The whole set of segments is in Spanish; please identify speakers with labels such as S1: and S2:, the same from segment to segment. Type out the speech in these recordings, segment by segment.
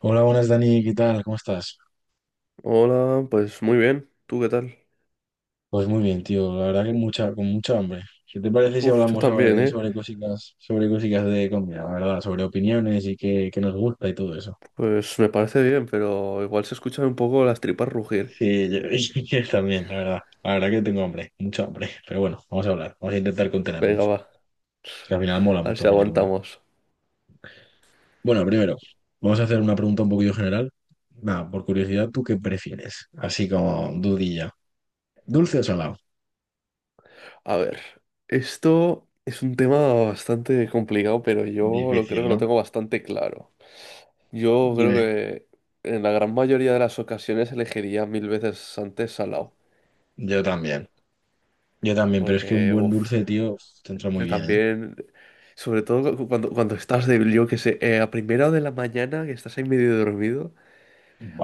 S1: Hola, buenas Dani, ¿qué tal? ¿Cómo estás?
S2: Hola, pues muy bien. ¿Tú qué tal?
S1: Pues muy bien, tío. La verdad que con mucha hambre. ¿Qué te parece si
S2: Uf, yo
S1: hablamos
S2: también,
S1: sobre,
S2: ¿eh?
S1: sobre cositas, sobre cositas de comida, la verdad? Sobre opiniones y qué nos gusta y todo eso.
S2: Pues me parece bien, pero igual se escuchan un poco las tripas rugir.
S1: Sí, yo, yo también, la verdad. La verdad que tengo hambre, mucha hambre. Pero bueno, vamos a hablar, vamos a intentar
S2: Venga,
S1: contenernos.
S2: va,
S1: Que al final mola
S2: a ver
S1: mucho
S2: si
S1: hablar de comida.
S2: aguantamos.
S1: Bueno, primero, vamos a hacer una pregunta un poquillo general. Nada, por curiosidad, ¿tú qué prefieres? Así como dudilla. ¿Dulce o salado?
S2: A ver, esto es un tema bastante complicado, pero yo lo creo
S1: Difícil,
S2: que lo
S1: ¿no?
S2: tengo bastante claro. Yo creo
S1: Dime.
S2: que en la gran mayoría de las ocasiones elegiría mil veces antes salao,
S1: Yo también. Yo también, pero es que un
S2: porque,
S1: buen
S2: uf,
S1: dulce, tío, te entra muy bien, ¿eh?
S2: también. Sobre todo cuando, cuando estás de, yo que sé, a primera hora de la mañana, que estás ahí medio dormido.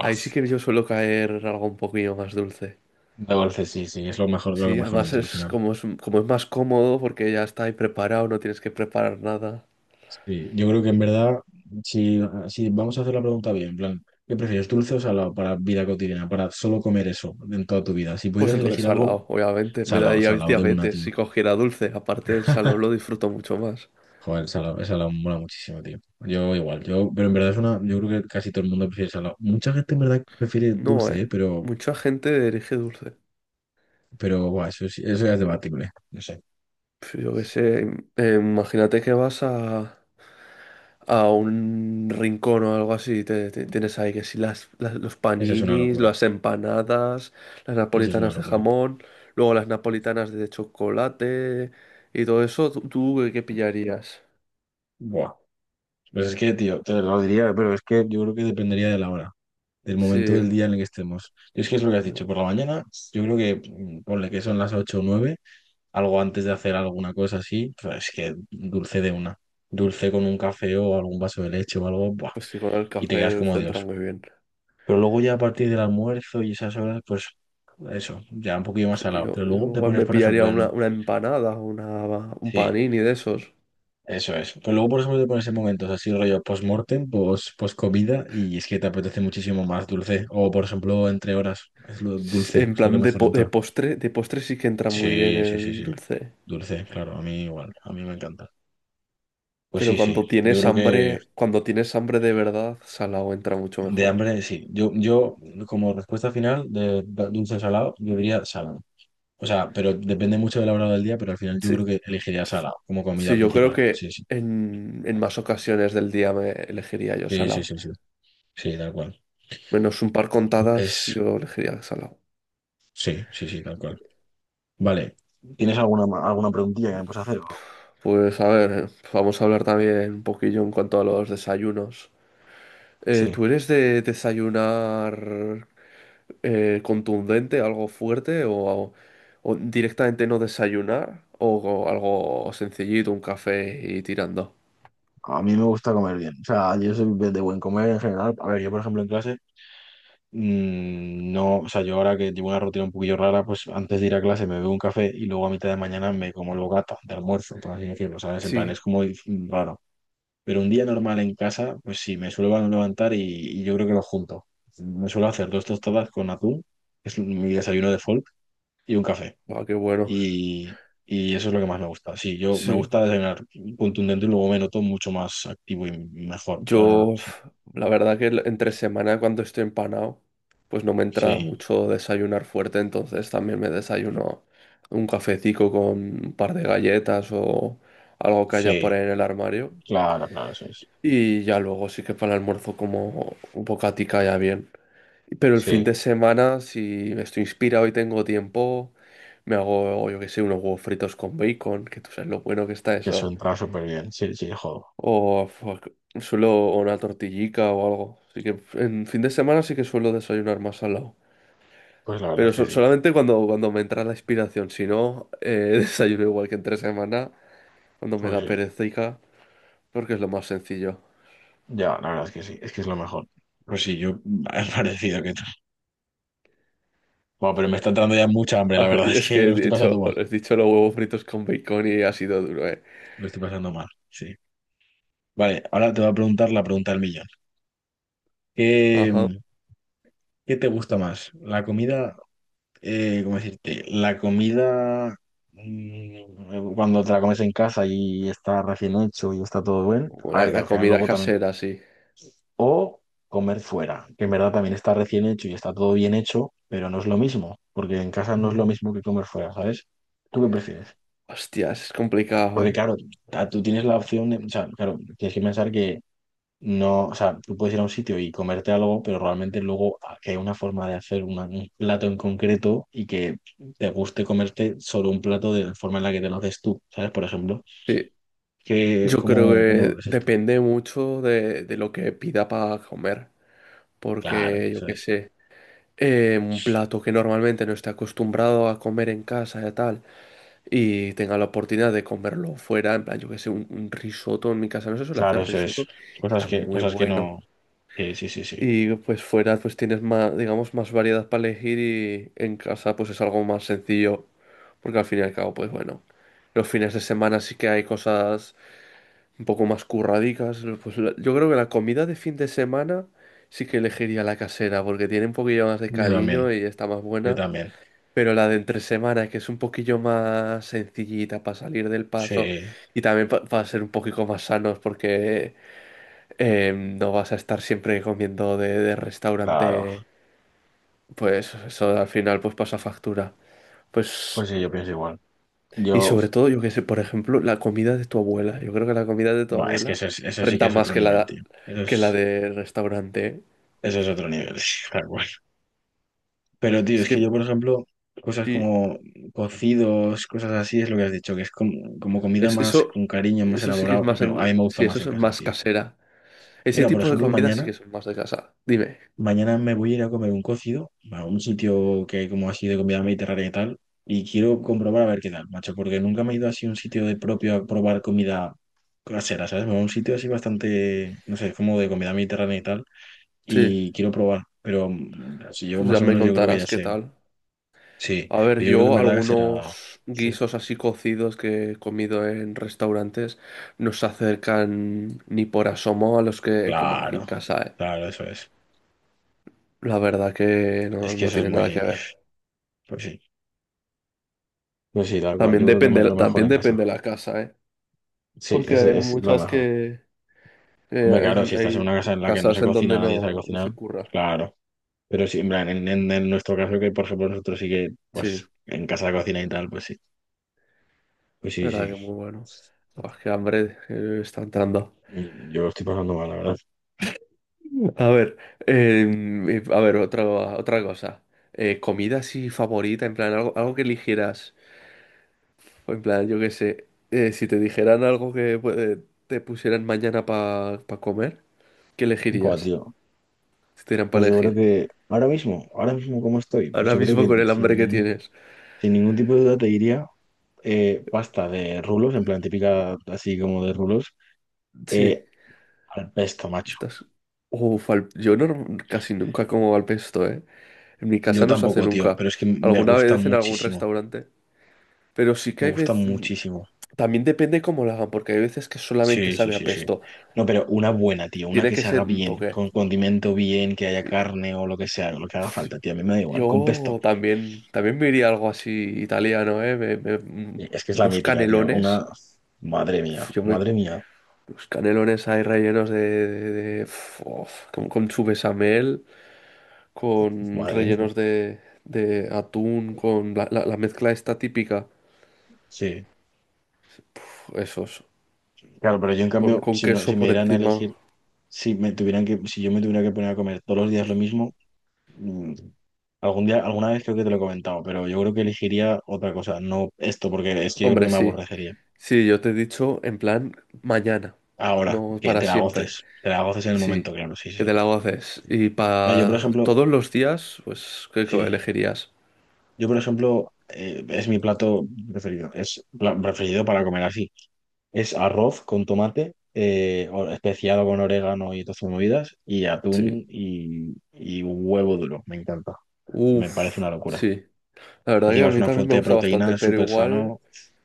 S2: Ahí sí que yo suelo caer algo un poquillo más dulce.
S1: de dulce, sí, sí, es lo mejor, lo
S2: Sí,
S1: que mejor
S2: además
S1: entra al
S2: es
S1: final.
S2: como es, como es más cómodo porque ya está ahí preparado, no tienes que preparar nada.
S1: Sí, yo creo que en verdad, si, si vamos a hacer la pregunta bien, en plan, ¿qué prefieres, dulce o salado para vida cotidiana, para solo comer eso en toda tu vida? Si
S2: Pues
S1: pudieras
S2: entonces
S1: elegir algo,
S2: salado, obviamente. Me
S1: salado,
S2: daría
S1: salado de una,
S2: diabetes si
S1: tío.
S2: cogiera dulce. Aparte, del salado lo disfruto mucho más.
S1: Joder, salado, el salado mola muchísimo, tío. Yo igual, pero en verdad yo creo que casi todo el mundo prefiere salado. Mucha gente en verdad prefiere
S2: No,
S1: dulce,
S2: eh.
S1: ¿eh? Pero,
S2: Mucha gente elige dulce.
S1: pero, buah, eso ya es debatible, no sé.
S2: Pues yo qué sé. Imagínate que vas a un rincón o algo así. Tienes ahí que si las, los
S1: Esa es una
S2: paninis,
S1: locura.
S2: las empanadas, las
S1: Eso es una
S2: napolitanas de
S1: locura.
S2: jamón, luego las napolitanas de chocolate y todo eso, ¿tú, tú qué pillarías?
S1: Buah. Pues es que, tío, te lo diría, pero es que yo creo que dependería de la hora, del momento
S2: Sí,
S1: del día en el que estemos. Y es que es lo que has dicho, por la mañana, yo creo que ponle que son las 8 o 9, algo antes de hacer alguna cosa así, pues es que dulce de una. Dulce con un café o algún vaso de leche o algo, buah,
S2: pues sí, con el
S1: y te quedas
S2: café
S1: como
S2: centra
S1: Dios.
S2: muy bien.
S1: Pero luego ya a partir del almuerzo y esas horas, pues eso, ya un poquillo más
S2: Sí,
S1: salado. Pero
S2: yo
S1: luego te
S2: igual
S1: pones,
S2: me
S1: por
S2: pillaría
S1: ejemplo,
S2: una empanada, una, un
S1: sí,
S2: panini de esos.
S1: eso es. Pero luego, por eso te pones en momentos así, rollo post-mortem, comida y es que te apetece muchísimo más dulce. O, por ejemplo, entre horas, es lo dulce,
S2: En
S1: es lo
S2: plan
S1: que
S2: de,
S1: mejor entra.
S2: de postre sí que entra muy bien
S1: Sí, sí, sí,
S2: el
S1: sí.
S2: dulce.
S1: Dulce, claro, a mí igual, a mí me encanta. Pues
S2: Pero
S1: sí, sí, yo creo que
S2: cuando tienes hambre de verdad, salado entra mucho
S1: de
S2: mejor.
S1: hambre, sí. Yo como respuesta final de dulce o salado, yo diría salado. O sea, pero depende mucho de la hora del día, pero al final yo creo
S2: Sí.
S1: que elegiría salado como comida
S2: Sí, yo creo
S1: principal.
S2: que
S1: Sí, sí.
S2: en más ocasiones del día me elegiría yo
S1: Sí, sí,
S2: salado.
S1: sí, sí. Sí, tal cual.
S2: Menos un par contadas,
S1: Pues
S2: yo elegiría salado.
S1: sí, sí, sí, tal cual. Vale. ¿Tienes alguna preguntilla que me puedes hacer, o no?
S2: Pues a ver, vamos a hablar también un poquillo en cuanto a los desayunos.
S1: Sí,
S2: ¿Tú eres de desayunar contundente, algo fuerte, o directamente no desayunar, o algo sencillito, un café y tirando?
S1: a mí me gusta comer bien. O sea, yo soy de buen comer en general. A ver, yo por ejemplo en clase, mm, no, o sea, yo ahora que llevo una rutina un poquillo rara, pues antes de ir a clase me bebo un café y luego a mitad de mañana me como el bocata de almuerzo, por así decirlo, ¿sabes? En plan, es
S2: Sí,
S1: como raro. Pero un día normal en casa, pues sí, me suelo levantar y yo creo que lo junto. Me suelo hacer dos tostadas con atún, que es mi desayuno de folk, y un café.
S2: ah, qué bueno.
S1: y, y eso es lo que más me gusta. Sí, yo me
S2: Sí,
S1: gusta desayunar contundente y luego me noto mucho más activo y mejor.
S2: yo,
S1: Claro, sí,
S2: uf, la verdad que entre semana cuando estoy empanado, pues no me entra
S1: sí,
S2: mucho desayunar fuerte, entonces también me desayuno un cafecito con un par de galletas o algo que haya por
S1: sí,
S2: ahí en el armario.
S1: claro, claro, eso es.
S2: Y ya luego sí que para el almuerzo como un bocatica ya bien. Pero el fin
S1: Sí,
S2: de semana, si estoy inspirado y tengo tiempo, me hago, yo qué sé, unos huevos fritos con bacon, que tú sabes lo bueno que está
S1: que eso
S2: eso.
S1: entra súper bien. Sí, sí, jodo.
S2: O fuck, suelo o una tortillica o algo. Así que en fin de semana sí que suelo desayunar más salado.
S1: Pues la verdad
S2: Pero
S1: es que sí,
S2: solamente cuando, cuando me entra la inspiración. Si no, desayuno igual que entre semana, cuando me
S1: pues
S2: da
S1: sí.
S2: perecica, porque es lo más sencillo.
S1: Ya, la verdad es que sí, es que es lo mejor. Pues sí, yo es parecido que tú. Bueno, pero me está entrando ya mucha hambre,
S2: A
S1: la
S2: ver,
S1: verdad es
S2: es
S1: que
S2: que he
S1: lo estoy pasando
S2: dicho,
S1: mal.
S2: he dicho los huevos fritos con bacon y ha sido duro, ¿eh?
S1: Lo estoy pasando mal, sí. Vale, ahora te voy a preguntar la pregunta del millón.
S2: Ajá.
S1: ¿Qué, qué te gusta más? ¿La comida cómo decirte? La comida, cuando te la comes en casa y está recién hecho y está todo bien,
S2: O
S1: a
S2: la,
S1: ver, que
S2: la
S1: al final
S2: comida
S1: luego también,
S2: casera, sí.
S1: o comer fuera, que en verdad también está recién hecho y está todo bien hecho, pero no es lo mismo, porque en casa no es lo
S2: Mm.
S1: mismo que comer fuera, ¿sabes? ¿Tú qué prefieres?
S2: Hostias, es complicado,
S1: Porque
S2: ¿eh?
S1: claro, tú tienes la opción de, o sea, claro, tienes que pensar que no, o sea, tú puedes ir a un sitio y comerte algo, pero realmente luego ah, que hay una forma de hacer un plato en concreto y que te guste comerte solo un plato de la forma en la que te lo haces tú, ¿sabes? Por ejemplo,
S2: Sí. Yo creo
S1: ¿cómo lo
S2: que
S1: ves esto?
S2: depende mucho de lo que pida para comer.
S1: Claro,
S2: Porque yo
S1: eso
S2: qué
S1: es.
S2: sé, un plato que normalmente no esté acostumbrado a comer en casa y tal, y tenga la oportunidad de comerlo fuera, en plan, yo qué sé, un risotto. En mi casa no se suele
S1: Claro,
S2: hacer
S1: eso es.
S2: risotto, y está muy
S1: Cosas que
S2: bueno.
S1: no. Sí, sí, sí, sí.
S2: Y pues fuera pues tienes más, digamos, más variedad para elegir y en casa pues es algo más sencillo, porque al fin y al cabo, pues bueno, los fines de semana sí que hay cosas un poco más curradicas. Yo creo que la comida de fin de semana sí que elegiría la casera, porque tiene un poquillo más de
S1: Yo también,
S2: cariño y está más
S1: yo
S2: buena.
S1: también.
S2: Pero la de entre semana, que es un poquillo más sencillita para salir del
S1: Sí,
S2: paso y también para ser un poquito más sanos, porque no vas a estar siempre comiendo de
S1: claro.
S2: restaurante, pues eso al final pues pasa factura. Pues
S1: Pues sí, yo pienso igual.
S2: y
S1: Yo,
S2: sobre todo, yo qué sé, por ejemplo, la comida de tu abuela. Yo creo que la comida de tu
S1: buah, es que
S2: abuela
S1: eso, eso sí que
S2: renta
S1: es
S2: más
S1: otro nivel, tío. Eso
S2: que la
S1: es,
S2: de restaurante, ¿eh?
S1: eso es otro nivel, tal cual. Pero, tío,
S2: Es
S1: es que
S2: que
S1: yo, por ejemplo, cosas
S2: sí,
S1: como cocidos, cosas así, es lo que has dicho, que es como comida
S2: es,
S1: más
S2: eso,
S1: con cariño, más
S2: eso sí que es
S1: elaborado, pues
S2: más,
S1: a mí me gusta
S2: sí,
S1: más
S2: eso es
S1: en casa,
S2: más
S1: tío.
S2: casera. Ese
S1: Mira, por
S2: tipo de
S1: ejemplo,
S2: comida sí
S1: mañana,
S2: que son más de casa. Dime.
S1: mañana me voy a ir a comer un cocido a un sitio que hay como así de comida mediterránea y tal, y quiero comprobar a ver qué tal, macho, porque nunca me he ido así a un sitio de propio a probar comida casera, ¿sabes? Me voy a un sitio así bastante, no sé, como de comida mediterránea y tal,
S2: Sí,
S1: y quiero probar, pero así yo
S2: pues ya
S1: más o
S2: me
S1: menos yo creo que ya
S2: contarás qué
S1: sé.
S2: tal.
S1: Sí,
S2: A ver,
S1: pero yo creo que en
S2: yo
S1: verdad será...
S2: algunos
S1: Sí.
S2: guisos así cocidos que he comido en restaurantes no se acercan ni por asomo a los que como aquí en
S1: Claro,
S2: casa, ¿eh?
S1: claro, eso es.
S2: La verdad que no,
S1: Es que
S2: no
S1: eso es
S2: tiene nada que
S1: muy...
S2: ver.
S1: Pues sí, pues sí, tal cual. Yo creo que lo mejor
S2: También
S1: en casa.
S2: depende de la casa, ¿eh?
S1: Sí,
S2: Porque
S1: es,
S2: hay
S1: es lo
S2: muchas
S1: mejor.
S2: que...
S1: Hombre, claro, si estás en
S2: hay
S1: una casa en la que no
S2: casas
S1: se
S2: en donde
S1: cocina, nadie sabe
S2: no, no
S1: cocinar,
S2: se curra.
S1: claro. Pero sí, en plan, en nuestro caso, que por ejemplo nosotros sí que,
S2: Sí,
S1: pues, en casa cocina y tal, pues sí. Pues sí,
S2: verdad
S1: sí.
S2: que muy bueno. Pues qué hambre, está entrando.
S1: Y yo lo estoy pasando mal, la verdad.
S2: A ver, a ver, otra, otra cosa. Comida así favorita, en plan, algo, algo que eligieras. O en plan, yo qué sé, si te dijeran algo que te pusieran mañana para comer, ¿qué
S1: Buah,
S2: elegirías?
S1: tío.
S2: Si te dieran
S1: Pues
S2: para
S1: yo creo
S2: elegir.
S1: que ahora mismo cómo estoy, pues
S2: Ahora
S1: yo creo
S2: mismo
S1: que
S2: con el
S1: sin
S2: hambre que
S1: ningún,
S2: tienes.
S1: sin ningún tipo de duda te diría pasta de rulos, en plan típica así como de rulos,
S2: Sí.
S1: eh, al pesto, macho.
S2: Estas, uf, yo casi nunca como al pesto, ¿eh? En mi
S1: Yo
S2: casa no se hace
S1: tampoco, tío,
S2: nunca.
S1: pero es que me
S2: Alguna
S1: gusta
S2: vez en algún
S1: muchísimo,
S2: restaurante. Pero sí que
S1: me
S2: hay
S1: gusta
S2: veces...
S1: muchísimo.
S2: También depende cómo lo hagan, porque hay veces que solamente
S1: Sí, sí,
S2: sabe a
S1: sí, sí.
S2: pesto.
S1: No, pero una buena, tío, una
S2: Tiene
S1: que
S2: que
S1: se
S2: ser
S1: haga
S2: un
S1: bien,
S2: toque.
S1: con condimento bien, que haya
S2: Sí.
S1: carne o lo que sea, lo que haga falta, tío, a mí me da igual, con pesto.
S2: Yo también, también me iría algo así italiano, ¿eh?
S1: Y es que es la
S2: Unos
S1: mítica, tío,
S2: canelones.
S1: una... Madre
S2: Uf,
S1: mía,
S2: yo me...
S1: madre mía,
S2: Los canelones ahí rellenos de... de- uf, of, con su bechamel. Con
S1: madre.
S2: rellenos de atún, con la, la mezcla esta típica,
S1: Sí.
S2: esos,
S1: Claro, pero yo en cambio,
S2: con
S1: si no,
S2: queso
S1: si me
S2: por
S1: dieran a
S2: encima.
S1: elegir, si me tuvieran que, si yo me tuviera que poner a comer todos los días lo mismo, Mm, algún día, alguna vez creo que te lo he comentado, pero yo creo que elegiría otra cosa, no esto, porque es que yo creo que
S2: Hombre,
S1: me
S2: sí,
S1: aborrecería.
S2: sí, yo te he dicho en plan mañana,
S1: Ahora,
S2: no
S1: que
S2: para
S1: te la
S2: siempre,
S1: goces, te la goces en el momento,
S2: sí,
S1: claro, sí,
S2: que
S1: sí.
S2: te la haces. Y
S1: Mira, yo por
S2: para
S1: ejemplo,
S2: todos los días, pues, ¿qué qué
S1: sí,
S2: elegirías?
S1: yo por ejemplo, es mi plato preferido, es preferido para comer así. Es arroz con tomate, especiado con orégano y todas sus movidas, y
S2: Sí,
S1: atún y huevo duro, me encanta, me parece
S2: uff,
S1: una locura.
S2: sí. La verdad que
S1: Encima
S2: a
S1: es
S2: mí
S1: una
S2: también
S1: fuente
S2: me
S1: de
S2: gusta
S1: proteína,
S2: bastante,
S1: es
S2: pero
S1: súper
S2: igual,
S1: sano.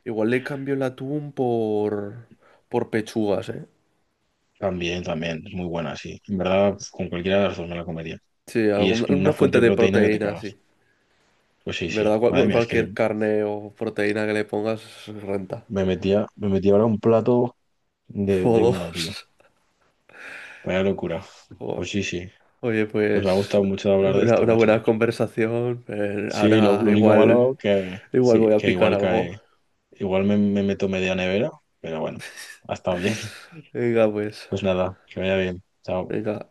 S2: igual le cambio el atún por pechugas, ¿eh?
S1: También, también, es muy buena, sí. En verdad, pues, con cualquiera de las dos me la comería.
S2: Sí,
S1: Y es
S2: alguna,
S1: como una
S2: una
S1: fuente
S2: fuente
S1: de
S2: de
S1: proteína que te
S2: proteína, sí.
S1: cagas. Pues sí,
S2: En
S1: sí.
S2: ¿verdad?
S1: Madre mía, es que
S2: Cualquier carne o proteína que le pongas renta.
S1: me metía ahora un plato de
S2: O
S1: una, tío.
S2: dos.
S1: Vaya locura.
S2: Joder.
S1: Pues sí, sí.
S2: Oye,
S1: Pues me ha
S2: pues
S1: gustado mucho hablar de esto,
S2: una
S1: macho.
S2: buena conversación.
S1: Sí, lo,
S2: Ahora
S1: lo único
S2: igual,
S1: malo que
S2: igual
S1: sí,
S2: voy a
S1: que
S2: picar
S1: igual
S2: algo.
S1: cae. Igual me meto media nevera, pero bueno, ha estado bien.
S2: Venga, pues.
S1: Pues nada, que vaya bien. Chao.
S2: Venga.